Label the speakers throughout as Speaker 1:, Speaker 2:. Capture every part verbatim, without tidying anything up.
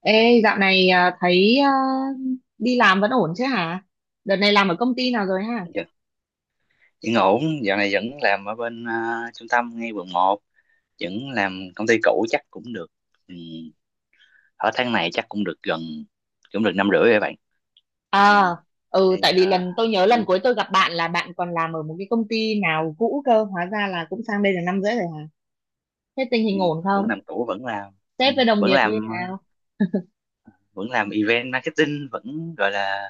Speaker 1: Ê, dạo này à, thấy à, đi làm vẫn ổn chứ hả? Đợt này làm ở công ty nào rồi hả?
Speaker 2: Dạ, vẫn ổn, dạo này vẫn làm ở bên à, trung tâm ngay quận một, vẫn làm công ty cũ chắc cũng được. Ừ, ở tháng này chắc cũng được gần, cũng được năm rưỡi rồi bạn. Ừ,
Speaker 1: À, ừ,
Speaker 2: đây,
Speaker 1: tại vì
Speaker 2: à,
Speaker 1: lần tôi nhớ lần
Speaker 2: đây,
Speaker 1: cuối tôi gặp bạn là bạn còn làm ở một cái công ty nào cũ cơ, hóa ra là cũng sang đây được năm rưỡi rồi hả? Thế tình
Speaker 2: ừ,
Speaker 1: hình ổn
Speaker 2: vẫn
Speaker 1: không?
Speaker 2: làm cũ vẫn làm, ừ,
Speaker 1: Sếp với đồng
Speaker 2: vẫn
Speaker 1: nghiệp như thế
Speaker 2: làm, à,
Speaker 1: nào?
Speaker 2: vẫn làm event marketing, vẫn gọi là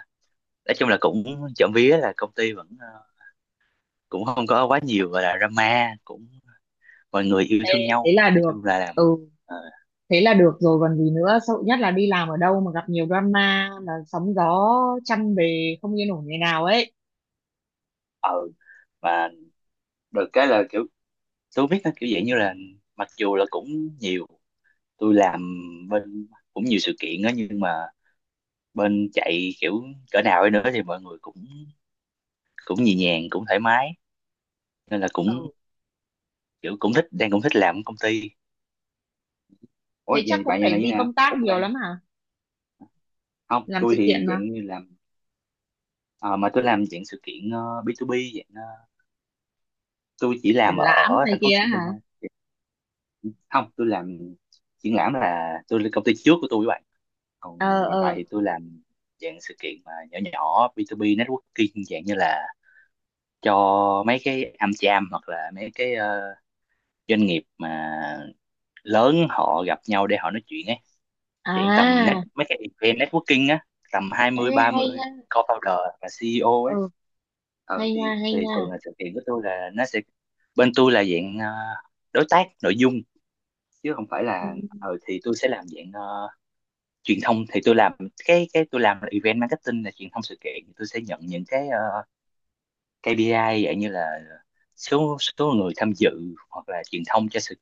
Speaker 2: nói chung là cũng trộm vía là công ty vẫn, à, cũng không có quá nhiều gọi là drama, cũng mọi người yêu
Speaker 1: Ê,
Speaker 2: thương
Speaker 1: thế
Speaker 2: nhau,
Speaker 1: là
Speaker 2: nói
Speaker 1: được.
Speaker 2: chung là làm.
Speaker 1: Ừ,
Speaker 2: à,
Speaker 1: thế là được rồi còn gì nữa, sợ nhất là đi làm ở đâu mà gặp nhiều drama, là sóng gió trăm bề không yên ổn ngày nào ấy.
Speaker 2: và được cái là kiểu tôi không biết nó kiểu dạng như là, mặc dù là cũng nhiều, tôi làm bên cũng nhiều sự kiện á, nhưng mà bên chạy kiểu cỡ nào ấy nữa thì mọi người cũng cũng nhẹ nhàng cũng thoải mái, nên là cũng
Speaker 1: Ừ,
Speaker 2: kiểu cũng thích, đang cũng thích làm ở công ty. Ủa
Speaker 1: thế chắc
Speaker 2: vậy
Speaker 1: cũng
Speaker 2: bạn nhà
Speaker 1: phải
Speaker 2: này như
Speaker 1: đi
Speaker 2: nào
Speaker 1: công tác
Speaker 2: ủa
Speaker 1: nhiều
Speaker 2: bạn?
Speaker 1: lắm hả?
Speaker 2: Không
Speaker 1: Làm
Speaker 2: tôi
Speaker 1: sự
Speaker 2: thì
Speaker 1: kiện mà,
Speaker 2: dạng như làm. Ờ, mà tôi làm dạng sự kiện ờ, bê hai bê, dạng ờ, tôi chỉ
Speaker 1: triển
Speaker 2: làm
Speaker 1: lãm
Speaker 2: ở
Speaker 1: này
Speaker 2: thành phố Hồ
Speaker 1: kia
Speaker 2: Chí Minh
Speaker 1: hả?
Speaker 2: thôi. Không tôi làm triển lãm là tôi lên công ty trước của tôi,
Speaker 1: Ờ,
Speaker 2: còn hiện tại
Speaker 1: ờ.
Speaker 2: thì tôi làm dạng sự kiện mà nhỏ nhỏ, bê hai bê networking, dạng như là cho mấy cái AmCham, hoặc là mấy cái ờ, doanh nghiệp mà lớn, họ gặp nhau để họ nói chuyện ấy, chuyện tầm net
Speaker 1: À.
Speaker 2: mấy cái event networking á, tầm hai
Speaker 1: Ê,
Speaker 2: mươi ba
Speaker 1: hay
Speaker 2: mươi
Speaker 1: nha.
Speaker 2: co-founder và xê e o ấy.
Speaker 1: Ừ,
Speaker 2: ờ,
Speaker 1: hay
Speaker 2: thì
Speaker 1: nha, hay
Speaker 2: thì
Speaker 1: nha.
Speaker 2: thường là sự kiện của tôi là nó sẽ, bên tôi là dạng ờ, đối tác nội dung, chứ không phải
Speaker 1: Ừ.
Speaker 2: là, ờ, thì tôi sẽ làm dạng ờ, truyền thông, thì tôi làm cái cái tôi làm là event marketing là truyền thông sự kiện. Tôi sẽ nhận những cái ờ, ca pê i dạng như là số số người tham dự, hoặc là truyền thông cho sự,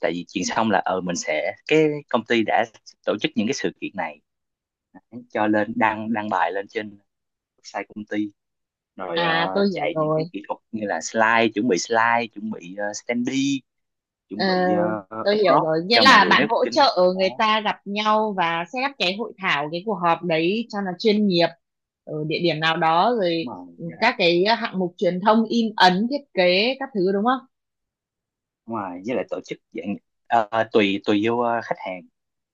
Speaker 2: tại vì truyền thông là ờ mình sẽ, cái công ty đã tổ chức những cái sự kiện này, cho lên đăng đăng bài lên trên website công ty, rồi ờ,
Speaker 1: À, tôi hiểu
Speaker 2: chạy những
Speaker 1: rồi.
Speaker 2: cái kỹ thuật như là slide, chuẩn bị slide, chuẩn bị uh, standee,
Speaker 1: ờ,
Speaker 2: chuẩn bị ờ,
Speaker 1: tôi hiểu
Speaker 2: backdrop
Speaker 1: rồi, nghĩa
Speaker 2: cho mọi
Speaker 1: là
Speaker 2: người
Speaker 1: bạn hỗ
Speaker 2: networking.
Speaker 1: trợ người
Speaker 2: Đó
Speaker 1: ta gặp nhau và set up cái hội thảo, cái cuộc họp đấy cho nó chuyên nghiệp ở địa điểm nào đó rồi.
Speaker 2: đúng rồi.
Speaker 1: Ừ,
Speaker 2: Với
Speaker 1: các cái hạng mục truyền thông in ấn thiết kế các thứ đúng không?
Speaker 2: đúng rồi, với lại tổ chức dạng ờ, tùy tùy vô ờ, khách hàng,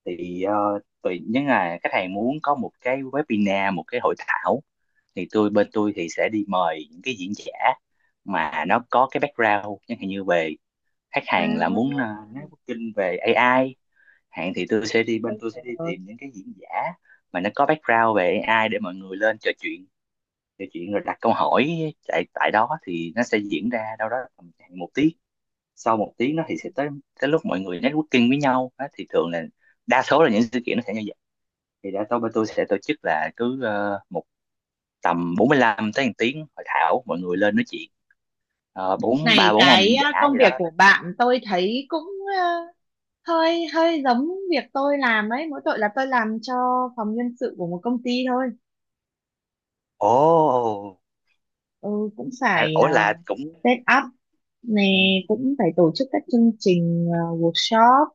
Speaker 2: thì ờ, tùy, nếu là khách hàng muốn có một cái webinar, một cái hội thảo, thì tôi, bên tôi thì sẽ đi mời những cái diễn giả mà nó có cái background chẳng hạn như về, khách hàng là muốn ờ,
Speaker 1: À,
Speaker 2: nói booking về a i, hạn thì tôi sẽ đi, bên
Speaker 1: tôi
Speaker 2: tôi sẽ
Speaker 1: hiểu
Speaker 2: đi
Speaker 1: rồi.
Speaker 2: tìm những cái diễn giả mà nó có background về a i để mọi người lên trò chuyện, trò chuyện rồi đặt câu hỏi tại tại đó, thì nó sẽ diễn ra đâu đó tầm khoảng một tiếng. Sau một tiếng đó thì sẽ tới, tới lúc mọi người networking với nhau á, thì thường là đa số là những sự kiện nó sẽ như vậy. Thì đa số bên tôi sẽ tổ chức là cứ ờ, một tầm bốn mươi lăm tới một tiếng hội thảo mọi người lên nói chuyện. Ờ, bốn
Speaker 1: Này,
Speaker 2: ba bốn ông diễn
Speaker 1: cái
Speaker 2: giả
Speaker 1: ờ, công
Speaker 2: gì đó
Speaker 1: việc
Speaker 2: nói
Speaker 1: của
Speaker 2: chuyện.
Speaker 1: bạn tôi thấy cũng ờ, hơi hơi giống việc tôi làm ấy, mỗi tội là tôi làm cho phòng nhân sự của một công ty thôi.
Speaker 2: Ồ.
Speaker 1: Ừ, cũng
Speaker 2: À,
Speaker 1: phải
Speaker 2: ủa là
Speaker 1: uh,
Speaker 2: cũng
Speaker 1: set up nè,
Speaker 2: ừ,
Speaker 1: cũng phải tổ chức các chương trình ờ, workshop,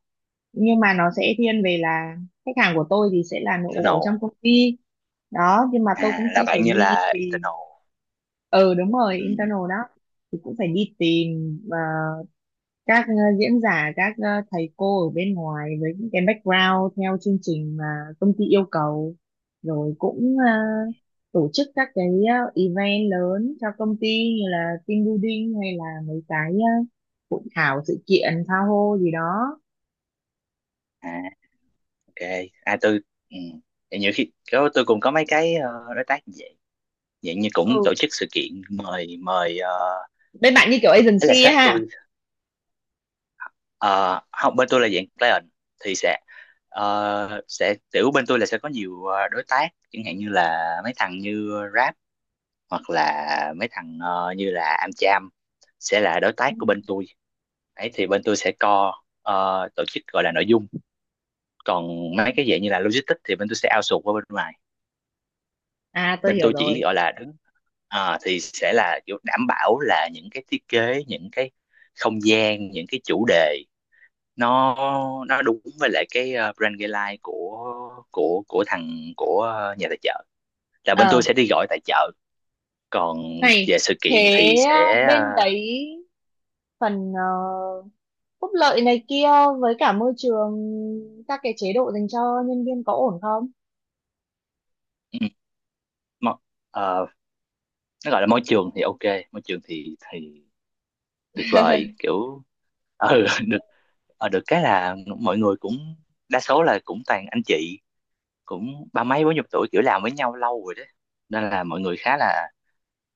Speaker 1: nhưng mà nó sẽ thiên về là khách hàng của tôi thì sẽ là nội bộ ở trong
Speaker 2: internal.
Speaker 1: công ty đó. Nhưng mà tôi
Speaker 2: À
Speaker 1: cũng
Speaker 2: là
Speaker 1: sẽ phải
Speaker 2: bạn như
Speaker 1: đi
Speaker 2: là
Speaker 1: tìm.
Speaker 2: internal.
Speaker 1: Ừ, đúng rồi,
Speaker 2: Ừ.
Speaker 1: internal đó. Thì cũng phải đi tìm ờ, các ờ, diễn giả các ờ, thầy cô ở bên ngoài với những cái background theo chương trình mà công ty yêu cầu, rồi cũng à, tổ chức các cái ờ, event lớn cho công ty như là team building hay là mấy cái ờ, hội thảo sự kiện tha hô gì đó.
Speaker 2: À, ok. À tôi ừ. Vậy nhiều khi có- tôi cũng có mấy cái ờ, đối tác như vậy, dạng như cũng
Speaker 1: Ừ,
Speaker 2: tổ chức sự kiện, mời mời uh,
Speaker 1: bên bạn như kiểu
Speaker 2: là
Speaker 1: agency ấy
Speaker 2: sếp tôi.
Speaker 1: ha.
Speaker 2: Ờ, không bên tôi là dạng client, thì sẽ ờ, sẽ kiểu, bên tôi là sẽ có nhiều ờ, đối tác chẳng hạn như là mấy thằng như Grab, hoặc là mấy thằng ờ, như là AmCham sẽ là đối
Speaker 1: Ừ.
Speaker 2: tác của bên tôi ấy. Thì bên tôi sẽ co ờ, tổ chức, gọi là nội dung, còn mấy cái dạng như là logistics thì bên tôi sẽ outsource qua bên ngoài.
Speaker 1: À, tôi
Speaker 2: Bên
Speaker 1: hiểu
Speaker 2: tôi chỉ
Speaker 1: rồi.
Speaker 2: gọi là đứng ờ, thì sẽ là kiểu đảm bảo là những cái thiết kế, những cái không gian, những cái chủ đề nó nó đúng với lại cái ờ, brand guideline của của của thằng, của ờ, nhà tài trợ, là bên tôi
Speaker 1: ờ
Speaker 2: sẽ đi gọi tài trợ, còn
Speaker 1: Này,
Speaker 2: về sự kiện
Speaker 1: thế
Speaker 2: thì sẽ,
Speaker 1: uh,
Speaker 2: ờ,
Speaker 1: bên đấy phần ờ, phúc lợi này kia với cả môi trường, các cái chế độ dành cho nhân viên có ổn không?
Speaker 2: ừ, mo- ờ, nó gọi là môi trường thì ok. Môi trường thì thì tuyệt vời kiểu ừ, được. Ờ, được cái là mọi người cũng đa số là cũng toàn anh chị, cũng ba mấy bốn chục tuổi, kiểu làm với nhau lâu rồi đấy, nên là mọi người khá là,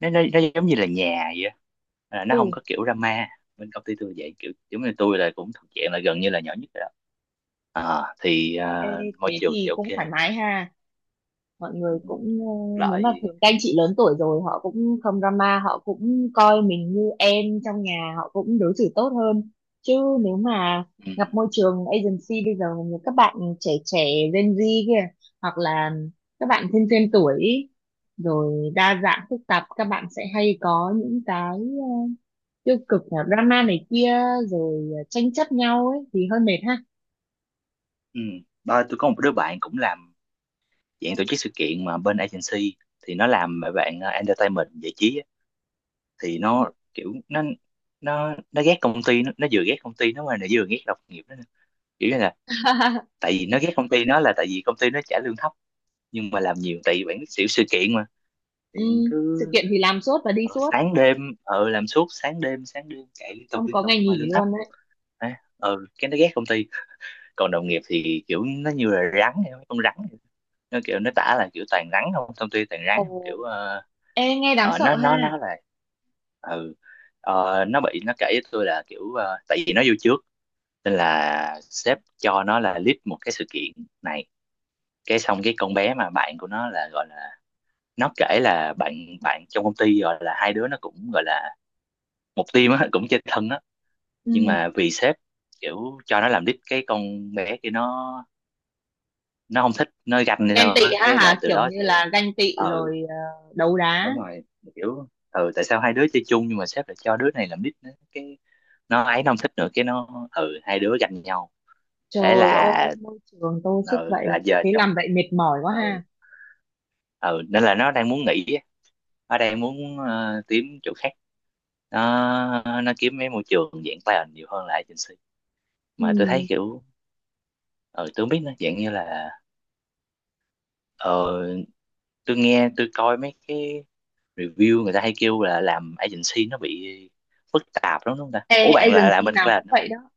Speaker 2: nó nó, nó giống như là nhà vậy á. À, nó không
Speaker 1: Ừ.
Speaker 2: có kiểu drama bên công ty tôi vậy, kiểu giống như tôi là cũng thuộc dạng là gần như là nhỏ nhất rồi đó. À, thì
Speaker 1: Ê,
Speaker 2: à, môi
Speaker 1: thế
Speaker 2: trường thì
Speaker 1: thì cũng
Speaker 2: ok.
Speaker 1: thoải mái ha, mọi
Speaker 2: Ừ,
Speaker 1: người cũng ờ, nếu mà
Speaker 2: lại
Speaker 1: thường các anh chị lớn tuổi rồi họ cũng không drama, họ cũng coi mình như em trong nhà, họ cũng đối xử tốt hơn. Chứ nếu mà
Speaker 2: ừ,
Speaker 1: gặp môi trường agency bây giờ như các bạn trẻ trẻ Gen Z kia hoặc là các bạn thêm thêm tuổi ý, rồi đa dạng phức tạp các bạn sẽ hay có những cái ờ, tiêu cực là drama này kia, rồi ờ, tranh chấp nhau ấy thì hơi mệt ha.
Speaker 2: ừ. Ba, tôi có một đứa bạn cũng làm dạng tổ chức sự kiện mà bên agency, thì nó làm mấy bạn à, entertainment giải trí á. Thì nó kiểu nó nó nó ghét công ty nó, nó vừa ghét công ty nó mà nó vừa ghét đồng nghiệp nó nữa. Kiểu như là, tại vì nó ghét công ty nó là tại vì công ty nó trả lương thấp nhưng mà làm nhiều, tại vì bạn biết xỉu sự kiện mà.
Speaker 1: Ừ,
Speaker 2: Điện
Speaker 1: sự
Speaker 2: cứ
Speaker 1: kiện thì làm suốt và đi
Speaker 2: ờ,
Speaker 1: suốt,
Speaker 2: sáng đêm, ờ làm suốt sáng đêm, sáng đêm chạy liên tục,
Speaker 1: không
Speaker 2: liên
Speaker 1: có
Speaker 2: tục
Speaker 1: ngày
Speaker 2: mà
Speaker 1: nghỉ
Speaker 2: lương thấp.
Speaker 1: luôn á.
Speaker 2: Đấy, ờ cái nó ghét công ty. Còn đồng nghiệp thì kiểu nó như là rắn vậy, con rắn vậy. Nó kiểu nó tả là kiểu toàn rắn không, công ty toàn rắn
Speaker 1: Ồ,
Speaker 2: không, kiểu ờ,
Speaker 1: ê, nghe đáng
Speaker 2: ờ,
Speaker 1: sợ
Speaker 2: nó nó
Speaker 1: ha.
Speaker 2: nó là ừ. Ờ, nó bị nó kể với tôi là kiểu ờ, tại vì nó vô trước nên là sếp cho nó là lead một cái sự kiện này. Cái xong cái con bé mà bạn của nó là gọi là, nó kể là bạn, bạn trong công ty gọi là, hai đứa nó cũng gọi là một team á, cũng chơi thân á, nhưng
Speaker 1: Ừ.
Speaker 2: mà vì sếp kiểu cho nó làm lead cái con bé kia nó nó không thích, nó ganh hay
Speaker 1: Ganh
Speaker 2: sao
Speaker 1: tị
Speaker 2: á,
Speaker 1: ha
Speaker 2: cái là
Speaker 1: hả,
Speaker 2: từ
Speaker 1: kiểu
Speaker 2: đó
Speaker 1: như
Speaker 2: sẽ,
Speaker 1: là ganh tị
Speaker 2: ừ
Speaker 1: rồi ờ, đấu đá.
Speaker 2: đúng rồi, kiểu ừ tại sao hai đứa chơi chung nhưng mà sếp lại cho đứa này làm lead nữa, cái nó ấy nó không thích, nữa cái nó ừ hai đứa ganh nhau. Thế
Speaker 1: Trời
Speaker 2: là
Speaker 1: ơi, môi trường toxic
Speaker 2: ừ
Speaker 1: vậy.
Speaker 2: là giờ
Speaker 1: Thế
Speaker 2: trong,
Speaker 1: làm vậy mệt mỏi quá
Speaker 2: ừ
Speaker 1: ha.
Speaker 2: ừ, nên là nó đang muốn nghỉ á. Nó đang muốn ờ, kiếm chỗ khác, nó nó kiếm mấy môi trường dạng talent nhiều hơn là agency. Mà tôi thấy
Speaker 1: Ừ.
Speaker 2: kiểu ờ tôi không biết nó dạng như là, ờ tôi nghe tôi coi mấy cái review người ta hay kêu là làm agency nó bị phức tạp lắm đúng không ta? Ủa
Speaker 1: Ê,
Speaker 2: bạn là làm
Speaker 1: agency
Speaker 2: bên
Speaker 1: nào cũng
Speaker 2: client đúng không?
Speaker 1: vậy đó.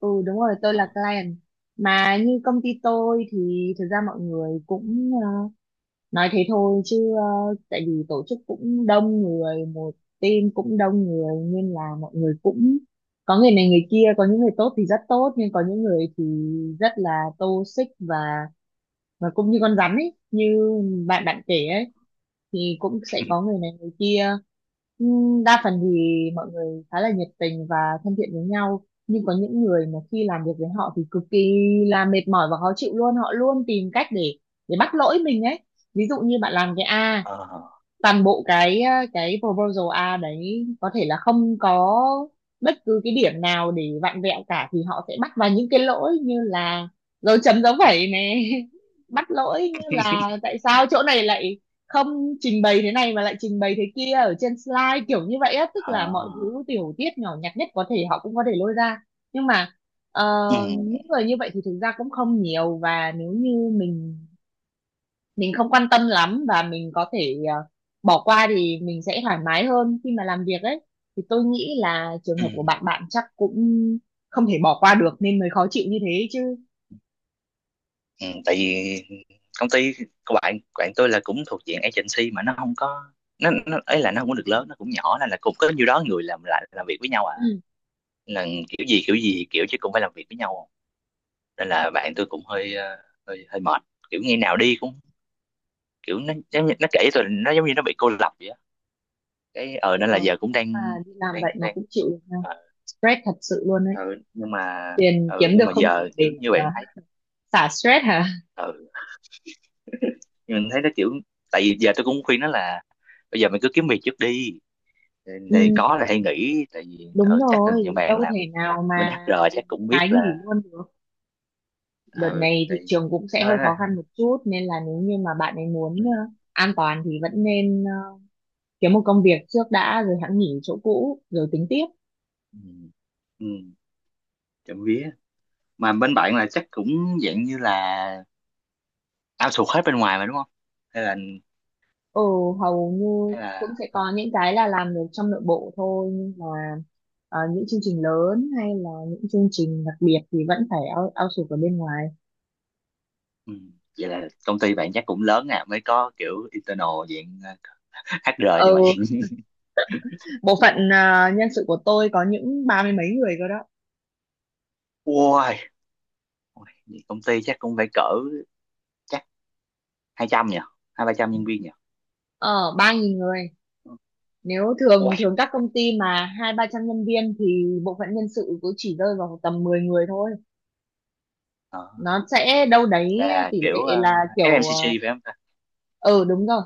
Speaker 1: Ừ, đúng rồi, tôi là client. Mà như công ty tôi thì thực ra mọi người cũng ờ, nói thế thôi chứ ờ, tại vì tổ chức cũng đông người, một team cũng đông người nên là mọi người cũng có người này người kia, có những người tốt thì rất tốt nhưng có những người thì rất là toxic và và cũng như con rắn ấy, như bạn bạn kể ấy, thì cũng sẽ có người này người kia. Ừm, đa phần thì mọi người khá là nhiệt tình và thân thiện với nhau, nhưng có những người mà khi làm việc với họ thì cực kỳ là mệt mỏi và khó chịu luôn, họ luôn tìm cách để để bắt lỗi mình ấy. Ví dụ như bạn làm cái A,
Speaker 2: Ờ ờ
Speaker 1: toàn bộ cái ờ, cái proposal A đấy có thể là không có bất cứ cái điểm nào để vặn vẹo cả thì họ sẽ bắt vào những cái lỗi như là dấu chấm dấu phẩy này, bắt lỗi như là tại sao chỗ này lại không trình bày thế này mà lại trình bày thế kia ở trên slide, kiểu như vậy á, tức
Speaker 2: Ờ.
Speaker 1: là mọi thứ tiểu tiết nhỏ nhặt nhất có thể họ cũng có thể lôi ra. Nhưng mà ờ,
Speaker 2: Ừ,
Speaker 1: những người như vậy thì thực ra cũng không nhiều và nếu như mình mình không quan tâm lắm và mình có thể ờ, bỏ qua thì mình sẽ thoải mái hơn khi mà làm việc ấy. Thì tôi nghĩ là trường
Speaker 2: ừ,
Speaker 1: hợp của bạn bạn chắc cũng không thể bỏ qua được nên mới khó chịu như thế chứ.
Speaker 2: ừ. Tại vì công ty của bạn, bạn tôi là cũng thuộc diện agency mà nó không có, nó, nó ấy là nó không có được lớn, nó cũng nhỏ, nên là cũng có nhiêu đó người làm, lại làm việc với nhau à,
Speaker 1: Ừ.
Speaker 2: là kiểu gì kiểu gì kiểu chứ cũng phải làm việc với nhau, nên là bạn tôi cũng hơi ờ, hơi hơi mệt, kiểu ngày nào đi cũng kiểu nó giống như, nó kể rồi nó giống như nó bị cô lập vậy á, cái ờ
Speaker 1: Ờ,
Speaker 2: nên là giờ cũng
Speaker 1: mà
Speaker 2: đang
Speaker 1: đi làm
Speaker 2: đang
Speaker 1: vậy mà
Speaker 2: đang
Speaker 1: cũng chịu được ha.
Speaker 2: ờ,
Speaker 1: Stress thật sự luôn ấy,
Speaker 2: ừ, nhưng mà
Speaker 1: tiền kiếm
Speaker 2: ừ, nhưng
Speaker 1: được
Speaker 2: mà
Speaker 1: không đủ
Speaker 2: giờ kiểu
Speaker 1: để
Speaker 2: như
Speaker 1: ờ,
Speaker 2: bạn thấy,
Speaker 1: xả stress hả.
Speaker 2: ừ nhưng mình thấy nó kiểu, tại vì giờ tôi cũng khuyên nó là bây giờ mình cứ kiếm việc trước đi, thì, thì
Speaker 1: Ừ,
Speaker 2: có là hay nghỉ, tại vì
Speaker 1: đúng
Speaker 2: ừ, chắc là nhiều
Speaker 1: rồi,
Speaker 2: bạn
Speaker 1: đâu
Speaker 2: làm
Speaker 1: thể nào
Speaker 2: bên
Speaker 1: mà
Speaker 2: ếch a
Speaker 1: được
Speaker 2: chắc
Speaker 1: một
Speaker 2: cũng biết
Speaker 1: cái
Speaker 2: là,
Speaker 1: nghỉ luôn được. Đợt
Speaker 2: ừ
Speaker 1: này
Speaker 2: thì
Speaker 1: thị trường cũng sẽ
Speaker 2: nó
Speaker 1: hơi
Speaker 2: nói
Speaker 1: khó
Speaker 2: là,
Speaker 1: khăn một chút nên là nếu như mà bạn ấy
Speaker 2: ừ
Speaker 1: muốn ờ, an toàn thì vẫn nên ờ, kiếm một công việc trước đã rồi hẵng nghỉ chỗ cũ rồi tính tiếp.
Speaker 2: ừ ừ, trộm vía. Mà bên bạn là chắc cũng dạng như là ao outsource hết bên ngoài mà đúng không, hay là,
Speaker 1: Ừ. Hầu như
Speaker 2: hay là
Speaker 1: cũng sẽ
Speaker 2: ờ,
Speaker 1: có những cái là làm được trong nội bộ thôi, nhưng mà ờ, những chương trình lớn hay là những chương trình đặc biệt thì vẫn phải out, outsource ở bên ngoài.
Speaker 2: Ừ. Vậy là công ty bạn chắc cũng lớn à mới có kiểu internal dạng ờ, hát rờ như vậy.
Speaker 1: Ừ. Bộ phận ờ, nhân sự của tôi có những ba mươi mấy người cơ đó.
Speaker 2: Ôi, ôi, vậy công ty chắc cũng phải cỡ chắc hai trăm nhỉ, hai ba trăm nhân viên nhỉ.
Speaker 1: Ờ ba nghìn người. Nếu thường
Speaker 2: Ôi,
Speaker 1: thường các công ty mà hai ba trăm nhân viên thì bộ phận nhân sự cũng chỉ rơi vào tầm mười người thôi.
Speaker 2: ờ,
Speaker 1: Nó sẽ đâu đấy,
Speaker 2: là
Speaker 1: tỷ
Speaker 2: kiểu ờ,
Speaker 1: lệ là kiểu
Speaker 2: ép em xê giê
Speaker 1: ờ,
Speaker 2: phải không ta?
Speaker 1: ừ đúng rồi,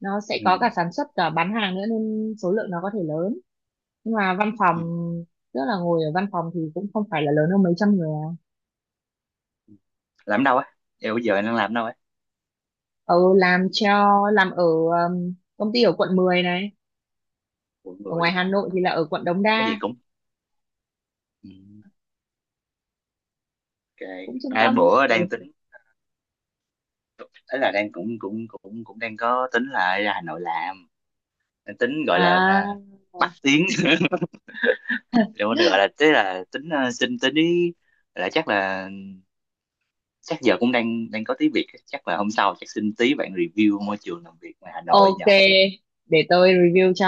Speaker 1: nó sẽ
Speaker 2: Ừ.
Speaker 1: có cả sản xuất cả bán hàng nữa nên số lượng nó có thể lớn, nhưng mà văn phòng
Speaker 2: Ừ.
Speaker 1: tức là ngồi ở văn phòng thì cũng không phải là lớn hơn mấy trăm người à.
Speaker 2: Làm đâu á? Vậy bây giờ anh đang làm đâu á?
Speaker 1: Ừ, làm cho làm ở um, công ty ở quận mười này,
Speaker 2: Mọi
Speaker 1: ở ngoài
Speaker 2: người
Speaker 1: Hà
Speaker 2: à,
Speaker 1: Nội thì là ở quận Đống
Speaker 2: có gì
Speaker 1: Đa,
Speaker 2: cũng. Ừ. Ok.
Speaker 1: cũng trung
Speaker 2: Hai
Speaker 1: tâm.
Speaker 2: bữa
Speaker 1: Ừ.
Speaker 2: đang tính, ấy là đang cũng cũng cũng cũng đang có tính là ra Hà Nội làm, đang tính gọi là à,
Speaker 1: À,
Speaker 2: bắt tiếng liệu mình gọi là, tức là tính ờ, xin tí, là chắc là, chắc giờ cũng đang đang có tí việc, chắc là hôm sau chắc xin tí bạn review môi trường làm việc ngoài Hà Nội
Speaker 1: ok,
Speaker 2: nhờ.
Speaker 1: để tôi review cho,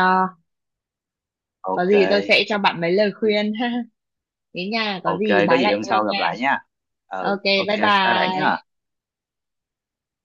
Speaker 1: có
Speaker 2: Ok
Speaker 1: gì tôi sẽ cho bạn mấy lời khuyên. Thế nha, có
Speaker 2: ok,
Speaker 1: gì
Speaker 2: có
Speaker 1: báo
Speaker 2: gì
Speaker 1: lại
Speaker 2: hôm
Speaker 1: tôi
Speaker 2: sau gặp
Speaker 1: nha.
Speaker 2: lại nha, ừ
Speaker 1: Ok,
Speaker 2: ok
Speaker 1: bye
Speaker 2: bye bạn nhé.
Speaker 1: bye.